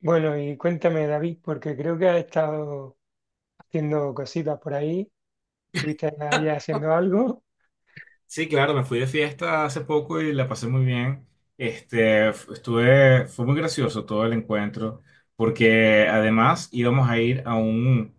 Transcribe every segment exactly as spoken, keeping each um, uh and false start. Bueno, y cuéntame, David, porque creo que has estado haciendo cositas por ahí. ¿Estuviste allá haciendo algo? Sí, claro, me fui de fiesta hace poco y la pasé muy bien. Este, f- estuve, fue muy gracioso todo el encuentro, porque además íbamos a ir a un,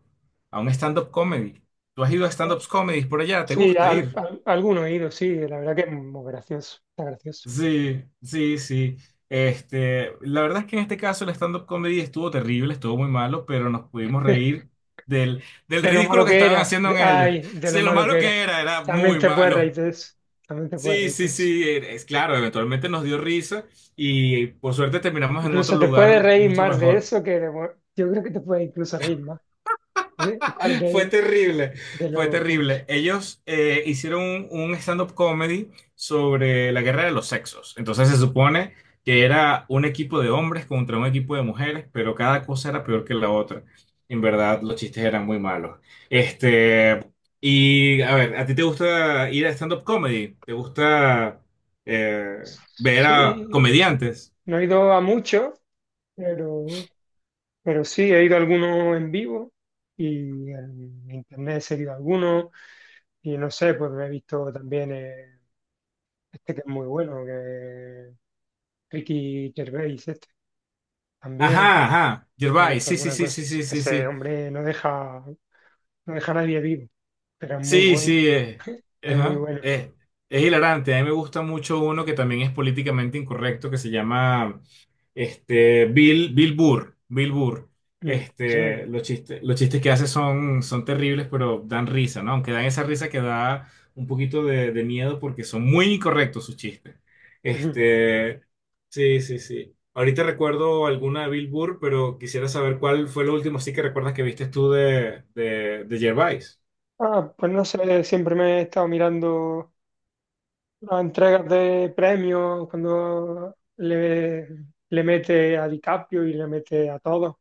a un stand-up comedy. ¿Tú has ido a stand-up comedies por allá? ¿Te Sí, gusta al, ir? al- alguno he ido, sí, la verdad que es muy gracioso, está gracioso. Sí, sí, sí. Este, la verdad es que en este caso el stand-up comedy estuvo terrible, estuvo muy malo, pero nos pudimos reír del, del De lo ridículo malo que que estaban era, haciendo de- en ellos. ay, de lo Sí, lo malo que malo que era. era, era También muy te puedes reír malo. de eso, también te puedes Sí, reír de sí, eso. sí, eh, es claro, eventualmente nos dio risa y por suerte terminamos en otro Incluso te puedes lugar reír mucho más de mejor. eso que de... bu- Yo creo que te puedes incluso reír más de, Fue de, terrible, de fue lo cutre. terrible. Ellos eh, hicieron un, un stand-up comedy sobre la guerra de los sexos. Entonces se supone que era un equipo de hombres contra un equipo de mujeres, pero cada cosa era peor que la otra. En verdad, los chistes eran muy malos. Este, y a ver, ¿a ti te gusta ir a stand-up comedy? ¿Te gusta eh, ver a Sí, comediantes? no he ido a mucho, pero... Pero sí, he ido a algunos en vivo y en internet he seguido algunos y no sé, pues he visto también eh, este que es muy bueno, que es Ricky Gervais, este también Ajá, ajá. me he Gervais, visto sí, sí, alguna sí, cosa. sí, sí, sí, Ese sí. hombre no deja, no deja a nadie vivo, pero es muy Sí, bueno, sí, eh, es muy ajá, bueno. eh, es hilarante. A mí me gusta mucho uno que también es políticamente incorrecto, que se llama este, Bill, Bill Burr. Bill Burr. Mm, Este, suena. Los chistes, los chistes que hace son, son terribles, pero dan risa, ¿no? Aunque dan esa risa que da un poquito de, de miedo porque son muy incorrectos sus chistes. Este, sí, sí, sí. Ahorita recuerdo alguna de Bill Burr, pero quisiera saber cuál fue lo último sí que recuerdas que viste tú de, de, de Gervais. Ah, pues no sé, siempre me he estado mirando. Las entregas de premios, cuando le, le mete a DiCaprio y le mete a todos,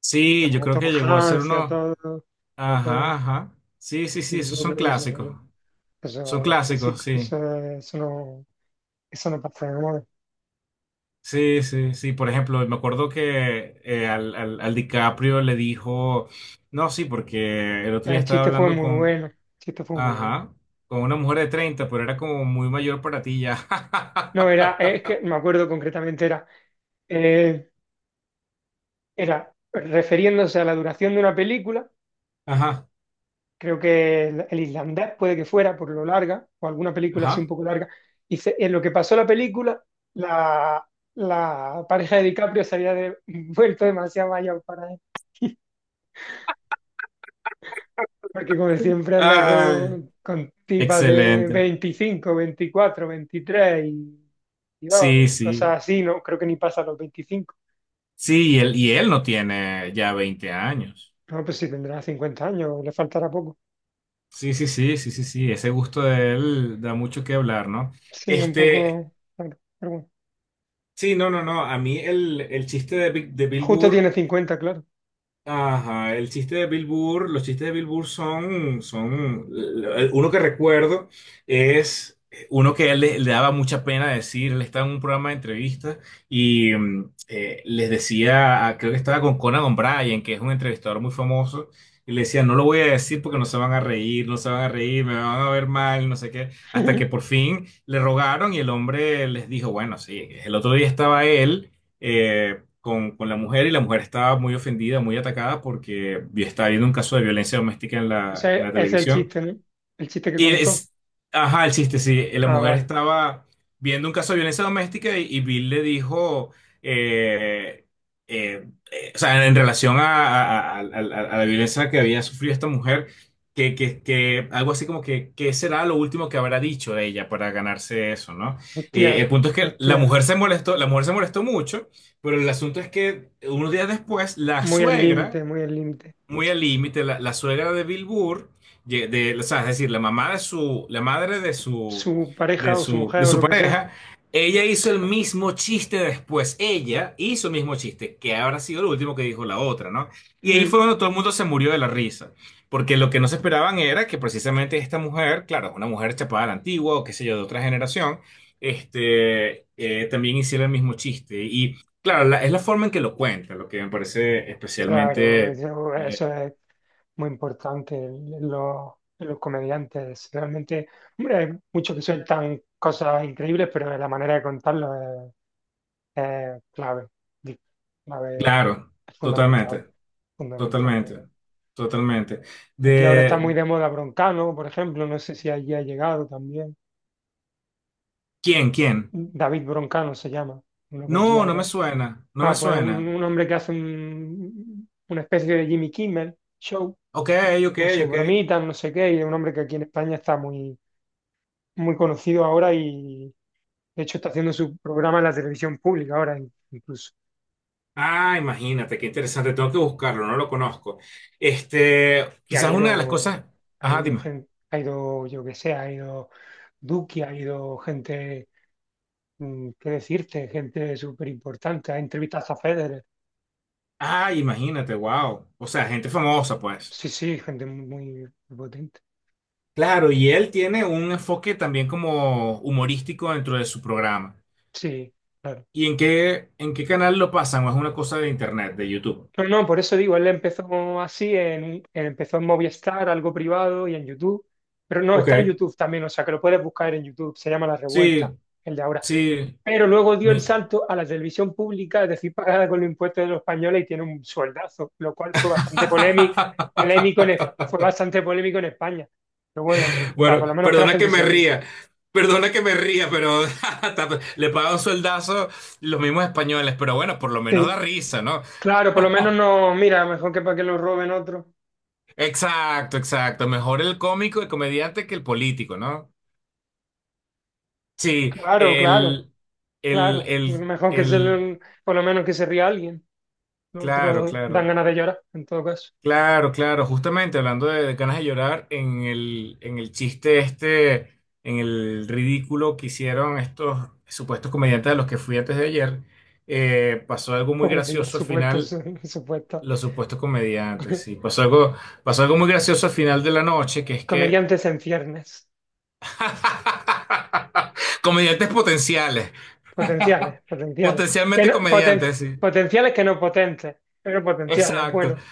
Sí, yo a creo Tom que llegó a ser Hanks y a uno. todos, a Ajá, todos. ajá. Sí, sí, sí, Y esos yo son creo que eso, fue clásicos. lo- Son eso, los clásicos, clásicos, sí. eso, eso no, eso no pasa de moda. Sí, sí, sí. Por ejemplo, me acuerdo que eh, al, al, al DiCaprio le dijo. No, sí, porque el otro día El estaba chiste fue hablando muy con. bueno, el chiste fue muy bueno. Ajá. Con una mujer de treinta, pero era como muy mayor para ti ya. No, era, es que me acuerdo concretamente, era, eh, era refiriéndose a la duración de una película, Ajá, creo que el, el islandés puede que fuera por lo larga, o alguna película así un ajá. poco larga. Y se- en lo que pasó la película, la, la pareja de DiCaprio se había de- vuelto demasiado mayor para él, porque como siempre anda Ay, con, con tipas de excelente. veinticinco, veinticuatro, veintitrés y, y no, Sí, y cosas sí. así, ¿no? Creo que ni pasa los veinticinco. Sí, y él, y él no tiene ya veinte años. No, pues si tendrá cincuenta años, le faltará poco. Sí, sí, sí, sí, sí, sí, ese gusto de él da mucho que hablar, ¿no? Sí, un Este, poco, claro, pero bueno. sí, no, no, no, a mí el, el chiste de, Bi- de Bill Justo Burr. tiene cincuenta, claro. Ajá, el chiste de Bill Burr, los chistes de Bill Burr son, son, el- uno que recuerdo es eh, uno que a él le, le daba mucha pena decir, él estaba en un programa de entrevistas y mm, eh, les decía, creo que estaba con Conan O'Brien, que es un entrevistador muy famoso, y le decía, no lo voy a decir porque no se van a reír, no se van a reír, me van a ver mal, no sé qué, hasta que por fin le rogaron y el hombre les dijo, bueno, sí, el otro día estaba él. eh, con, con la mujer y la mujer estaba muy ofendida, muy atacada porque vi- estaba viendo un caso de violencia doméstica en la, en Ese la ese es el televisión. chiste, ¿no? El chiste que Y contó. es, ajá, el chiste, sí, eh, la Ah, mujer vale. estaba viendo un caso de violencia doméstica y, y Bill le dijo, eh, eh, eh, o sea, en relación a, a- a- a- a la violencia que había sufrido esta mujer, que, que, que algo así como que, que será lo último que habrá dicho de ella para ganarse eso, ¿no? Hostia, Eh, el punto es que la hostia. mujer se molestó, la mujer se molestó mucho, pero el asunto es que unos días después, la Muy al suegra límite, muy al límite. muy al límite, la, la suegra de Bill Burr, ye- de, o sea, es decir, la mamá de su, la madre de su, Su de pareja o su su, mujer de o su lo que sea. pareja, ella hizo el mismo chiste después. Ella hizo el mismo chiste, que habrá sido lo último que dijo la otra, ¿no? Y ahí Mm, fue cuando todo el mundo se murió de la risa. Porque lo que no se esperaban era que precisamente esta mujer, claro, una mujer chapada a la antigua o qué sé yo, de otra generación, este, eh, también hiciera el mismo chiste. Y claro, la- es la forma en que lo cuenta, lo que me parece claro, especialmente eso, eh, eso es muy importante en en los, en los comediantes. Realmente, hombre, hay muchos que sueltan cosas increíbles, pero la manera de contarlo es, es clave. Di- Clave, claro, es fundamental, totalmente, fundamental. totalmente, totalmente. Aquí ahora está ¿De muy de moda Broncano, por ejemplo. No sé si allí ha llegado también. quién, quién? David Broncano se llama, uno que No, aquí no me ahora... suena, no me Ah, pues un, suena. un hombre que hace un- una especie de Jimmy Kimmel show Ok, ok, con sus ok. bromitas, no sé qué, y es un hombre que aquí en España está muy, muy conocido ahora y de hecho está haciendo su programa en la televisión pública ahora in- incluso. Ah, imagínate, qué interesante, tengo que buscarlo, no lo conozco. Este, Y han Quizás una de las ido, cosas, ha ajá, ido dime. gente, ha ido, yo que sé, ha ido Duki, ha ido gente, mm, qué decirte, gente súper importante, ha entrevistado a Federer. Ah, imagínate, wow. O sea, gente famosa, pues. Sí, sí, gente muy, muy potente. Claro, y él tiene un enfoque también como humorístico dentro de su programa. Sí, claro. ¿Y en qué, en qué canal lo pasan? ¿O es una cosa de internet, de YouTube? No, no, por eso digo, él empezó así, en, empezó en Movistar, algo privado y en YouTube, pero no, está en Ok. YouTube también, o sea que lo puedes buscar en YouTube, se llama La Revuelta, Sí, el de ahora. sí, Pero luego dio el me- salto a la televisión pública, es decir, pagada con los impuestos de los españoles y tiene un sueldazo, lo cual fue bastante polémico, polémico en, Es- fue bastante polémico en España. Pero bueno, me gusta, bueno, por lo menos que la perdona que gente me se ríe. ría, perdona que me ría, pero ta- le pagan sueldazo los mismos españoles, pero bueno, por lo menos da Sí. risa, ¿no? Claro, por lo menos no, mira, mejor que para que lo roben otro. Exacto, exacto. Mejor el cómico, el comediante que el político, ¿no? Sí, Claro, claro, el, el, claro. el, Mejor que se, el, lo- por lo menos que se ría alguien. Los claro, otros dan claro. ganas de llorar, en todo caso. Claro, claro, justamente hablando de, de ganas de llorar, en el, en el chiste este, en el ridículo que hicieron estos supuestos comediantes a los que fui antes de ayer, eh, pasó algo muy Pobrecilla, gracioso al supuestos, final, su- supuestos. los supuestos comediantes, sí, pasó algo, pasó algo muy gracioso al final de la noche, que es que Comediantes en ciernes. comediantes potenciales, Potenciales, potenciales. Que potencialmente no, poten- comediantes, sí. potenciales que no potentes, pero potenciales. Exacto, Bueno,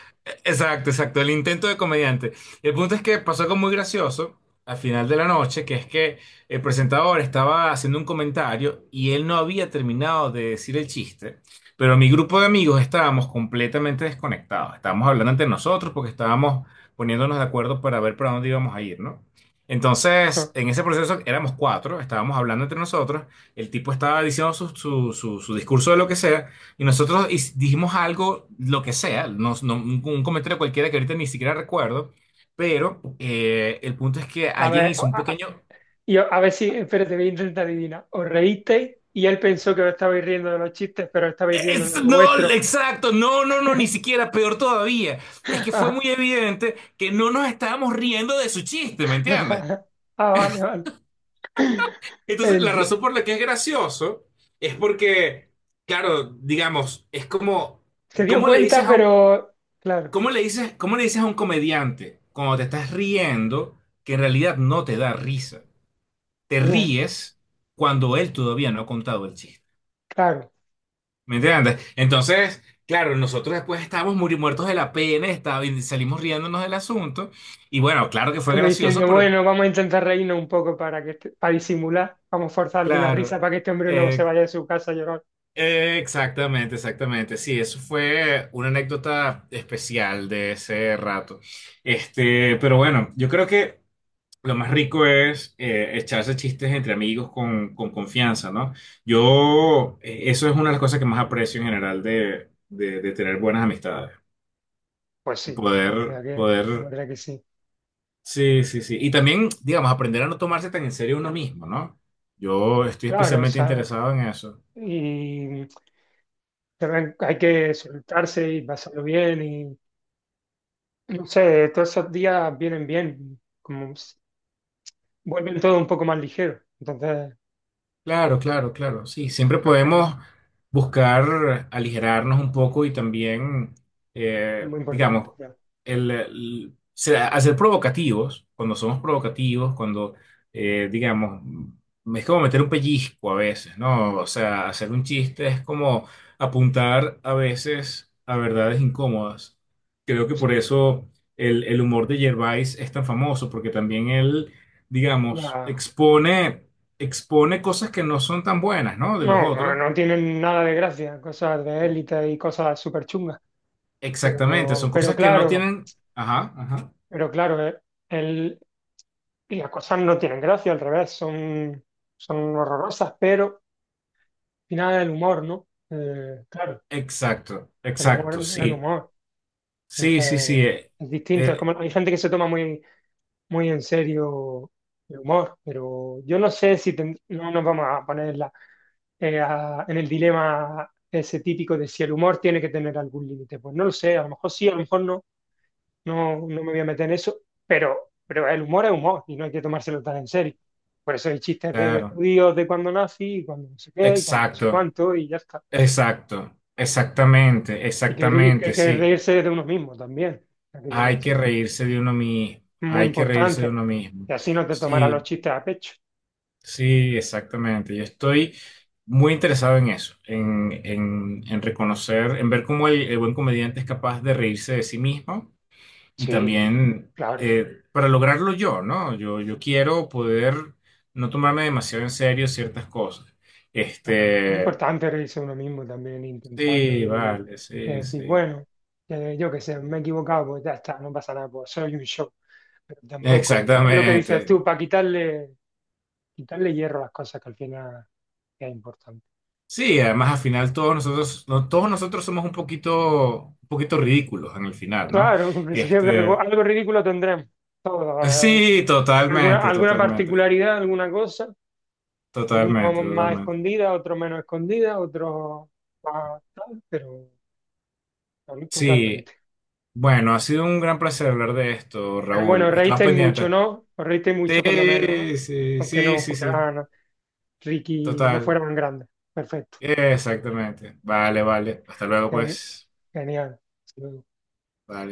exacto, exacto, el intento de comediante. El punto es que pasó algo muy gracioso al final de la noche, que es que el presentador estaba haciendo un comentario y él no había terminado de decir el chiste, pero mi grupo de amigos estábamos completamente desconectados, estábamos hablando entre nosotros porque estábamos poniéndonos de acuerdo para ver para dónde íbamos a ir, ¿no? Entonces, en ese proceso éramos cuatro, estábamos hablando entre nosotros, el tipo estaba diciendo su, su, su su discurso de lo que sea. Y nosotros his- dijimos algo, lo que sea, nos- no- un, un comentario cualquiera que ahorita ni siquiera recuerdo, pero eh, el punto es que a alguien ver, hizo un a, a- pequeño... y a ver si, espérate, voy a intentar adivinar. Os reísteis y él pensó que os estabais riendo de los chistes, pero estabais riendo "Es- del No, vuestro. exacto, no, no, no, ni siquiera, peor todavía. Es que fue muy evidente que no nos estábamos riendo de su chiste, ¿me entiendes? Ah, vale, vale. Entonces, la El- razón por la que es gracioso es porque, claro, digamos, es como, Se dio ¿cómo le dices cuenta, a un pero claro, ¿cómo le dices, cómo le dices a un comediante cuando te estás riendo que en realidad no te da risa? Te ya, ríes cuando él todavía no ha contado el chiste. claro. ¿Me entiendes? Entonces, claro, nosotros después estábamos muri- muertos de la pena, estaba- y salimos riéndonos del asunto. Y bueno, claro que fue Como gracioso, diciendo, pero bueno, vamos a intentar reírnos un poco para que este- para disimular, vamos a forzar alguna risa claro. para que este hombre no se eh, vaya de su casa a llorar. eh, exactamente, exactamente. Sí, eso fue una anécdota especial de ese rato. Este, pero bueno, yo creo que. Lo más rico es eh, echarse chistes entre amigos con, con confianza, ¿no? Yo, eh, eso es una de las cosas que más aprecio en general de, de, de tener buenas amistades. Pues Y sí, la poder, verdad que, la poder, verdad que sí. sí, sí, sí. Y también, digamos, aprender a no tomarse tan en serio uno mismo, ¿no? Yo estoy Claro, o especialmente sea, interesado en eso. y también hay que soltarse y pasarlo bien y no sé, todos esos días vienen bien, como s- vuelven todo un poco más ligero. Entonces, Claro, claro, claro. Sí, siempre pues, genial. podemos buscar aligerarnos un poco y también, Es eh, muy importante, digamos, ya. el, el- ser- hacer provocativos, cuando somos provocativos, cuando, eh, digamos, es como meter un pellizco a veces, ¿no? O sea, hacer un chiste es como apuntar a veces a verdades incómodas. Creo que por Sí, eso el, el humor de Gervais es tan famoso, porque también él, digamos, ya. expone expone cosas que no son tan buenas, ¿no? De los No, no, otros. no tienen nada de gracia, cosas de élite y cosas súper chungas. Exactamente, Pero, son pero cosas que no claro, tienen... Ajá, ajá. pero claro, eh, el, y las cosas no tienen gracia, al revés, son, son horrorosas, pero al final el humor, ¿no? Eh, claro, Exacto, el humor, exacto, el sí. humor. Sí, sí, sí. Entonces, eh, es distinto. Es eh, como, hay gente que se toma muy, muy en serio el humor, pero yo no sé si ten- no nos vamos a poner en, la- eh, a- en el dilema ese típico de si el humor tiene que tener algún límite. Pues no lo sé, a lo mejor sí, a lo mejor no. No, no me voy a meter en eso, pero, pero el humor es humor y no hay que tomárselo tan en serio. Por eso hay chistes de claro. judíos de cuando nací, y cuando no sé qué, y cuando no sé Exacto, cuánto, y ya está. exacto. Exactamente, Y que, que exactamente, hay que sí. reírse de uno mismo también. Hay que Hay que tomárselo. reírse de uno mismo. Muy Hay que reírse de importante. uno Y mismo. así no te tomarás los Sí, chistes a pecho. sí, exactamente. Yo estoy muy interesado en eso, en, en, en reconocer, en ver cómo el, el buen comediante es capaz de reírse de sí mismo. Y Sí, también claro, eh, para lograrlo yo, ¿no? Yo, yo quiero poder no tomarme demasiado en serio ciertas cosas. claro. Es Este, importante reírse uno mismo también, intentarlo sí, y, vale, y sí, decir, sí. bueno, eh, yo qué sé, me he equivocado, pues ya está, no pasa nada, pues soy un show. Pero tampoco, es lo que dices tú, Exactamente. para quitarle, quitarle hierro a las cosas que al final es importante. Sí, además al final todos nosotros, no, todos nosotros somos un poquito, un poquito ridículos en el final, ¿no? Claro, pues, siempre algo, Este, algo ridículo tendremos. Todo, eh, sí, alguna, totalmente, alguna totalmente, particularidad, alguna cosa. totalmente, Algunos más totalmente. escondidas, otros menos escondidas, otros más tal, pero tal- Sí, totalmente. bueno, ha sido un gran placer hablar de esto, Pero bueno, Raúl. os Estamos reísteis mucho, pendientes. ¿no? Os reísteis mucho por lo menos, ¿eh? Sí, sí, Aunque sí, no sí, sí, fueran Ricky, no total. fueran grandes. Perfecto. Exactamente. Vale, vale. Hasta luego, Geni- pues. Genial. Vale.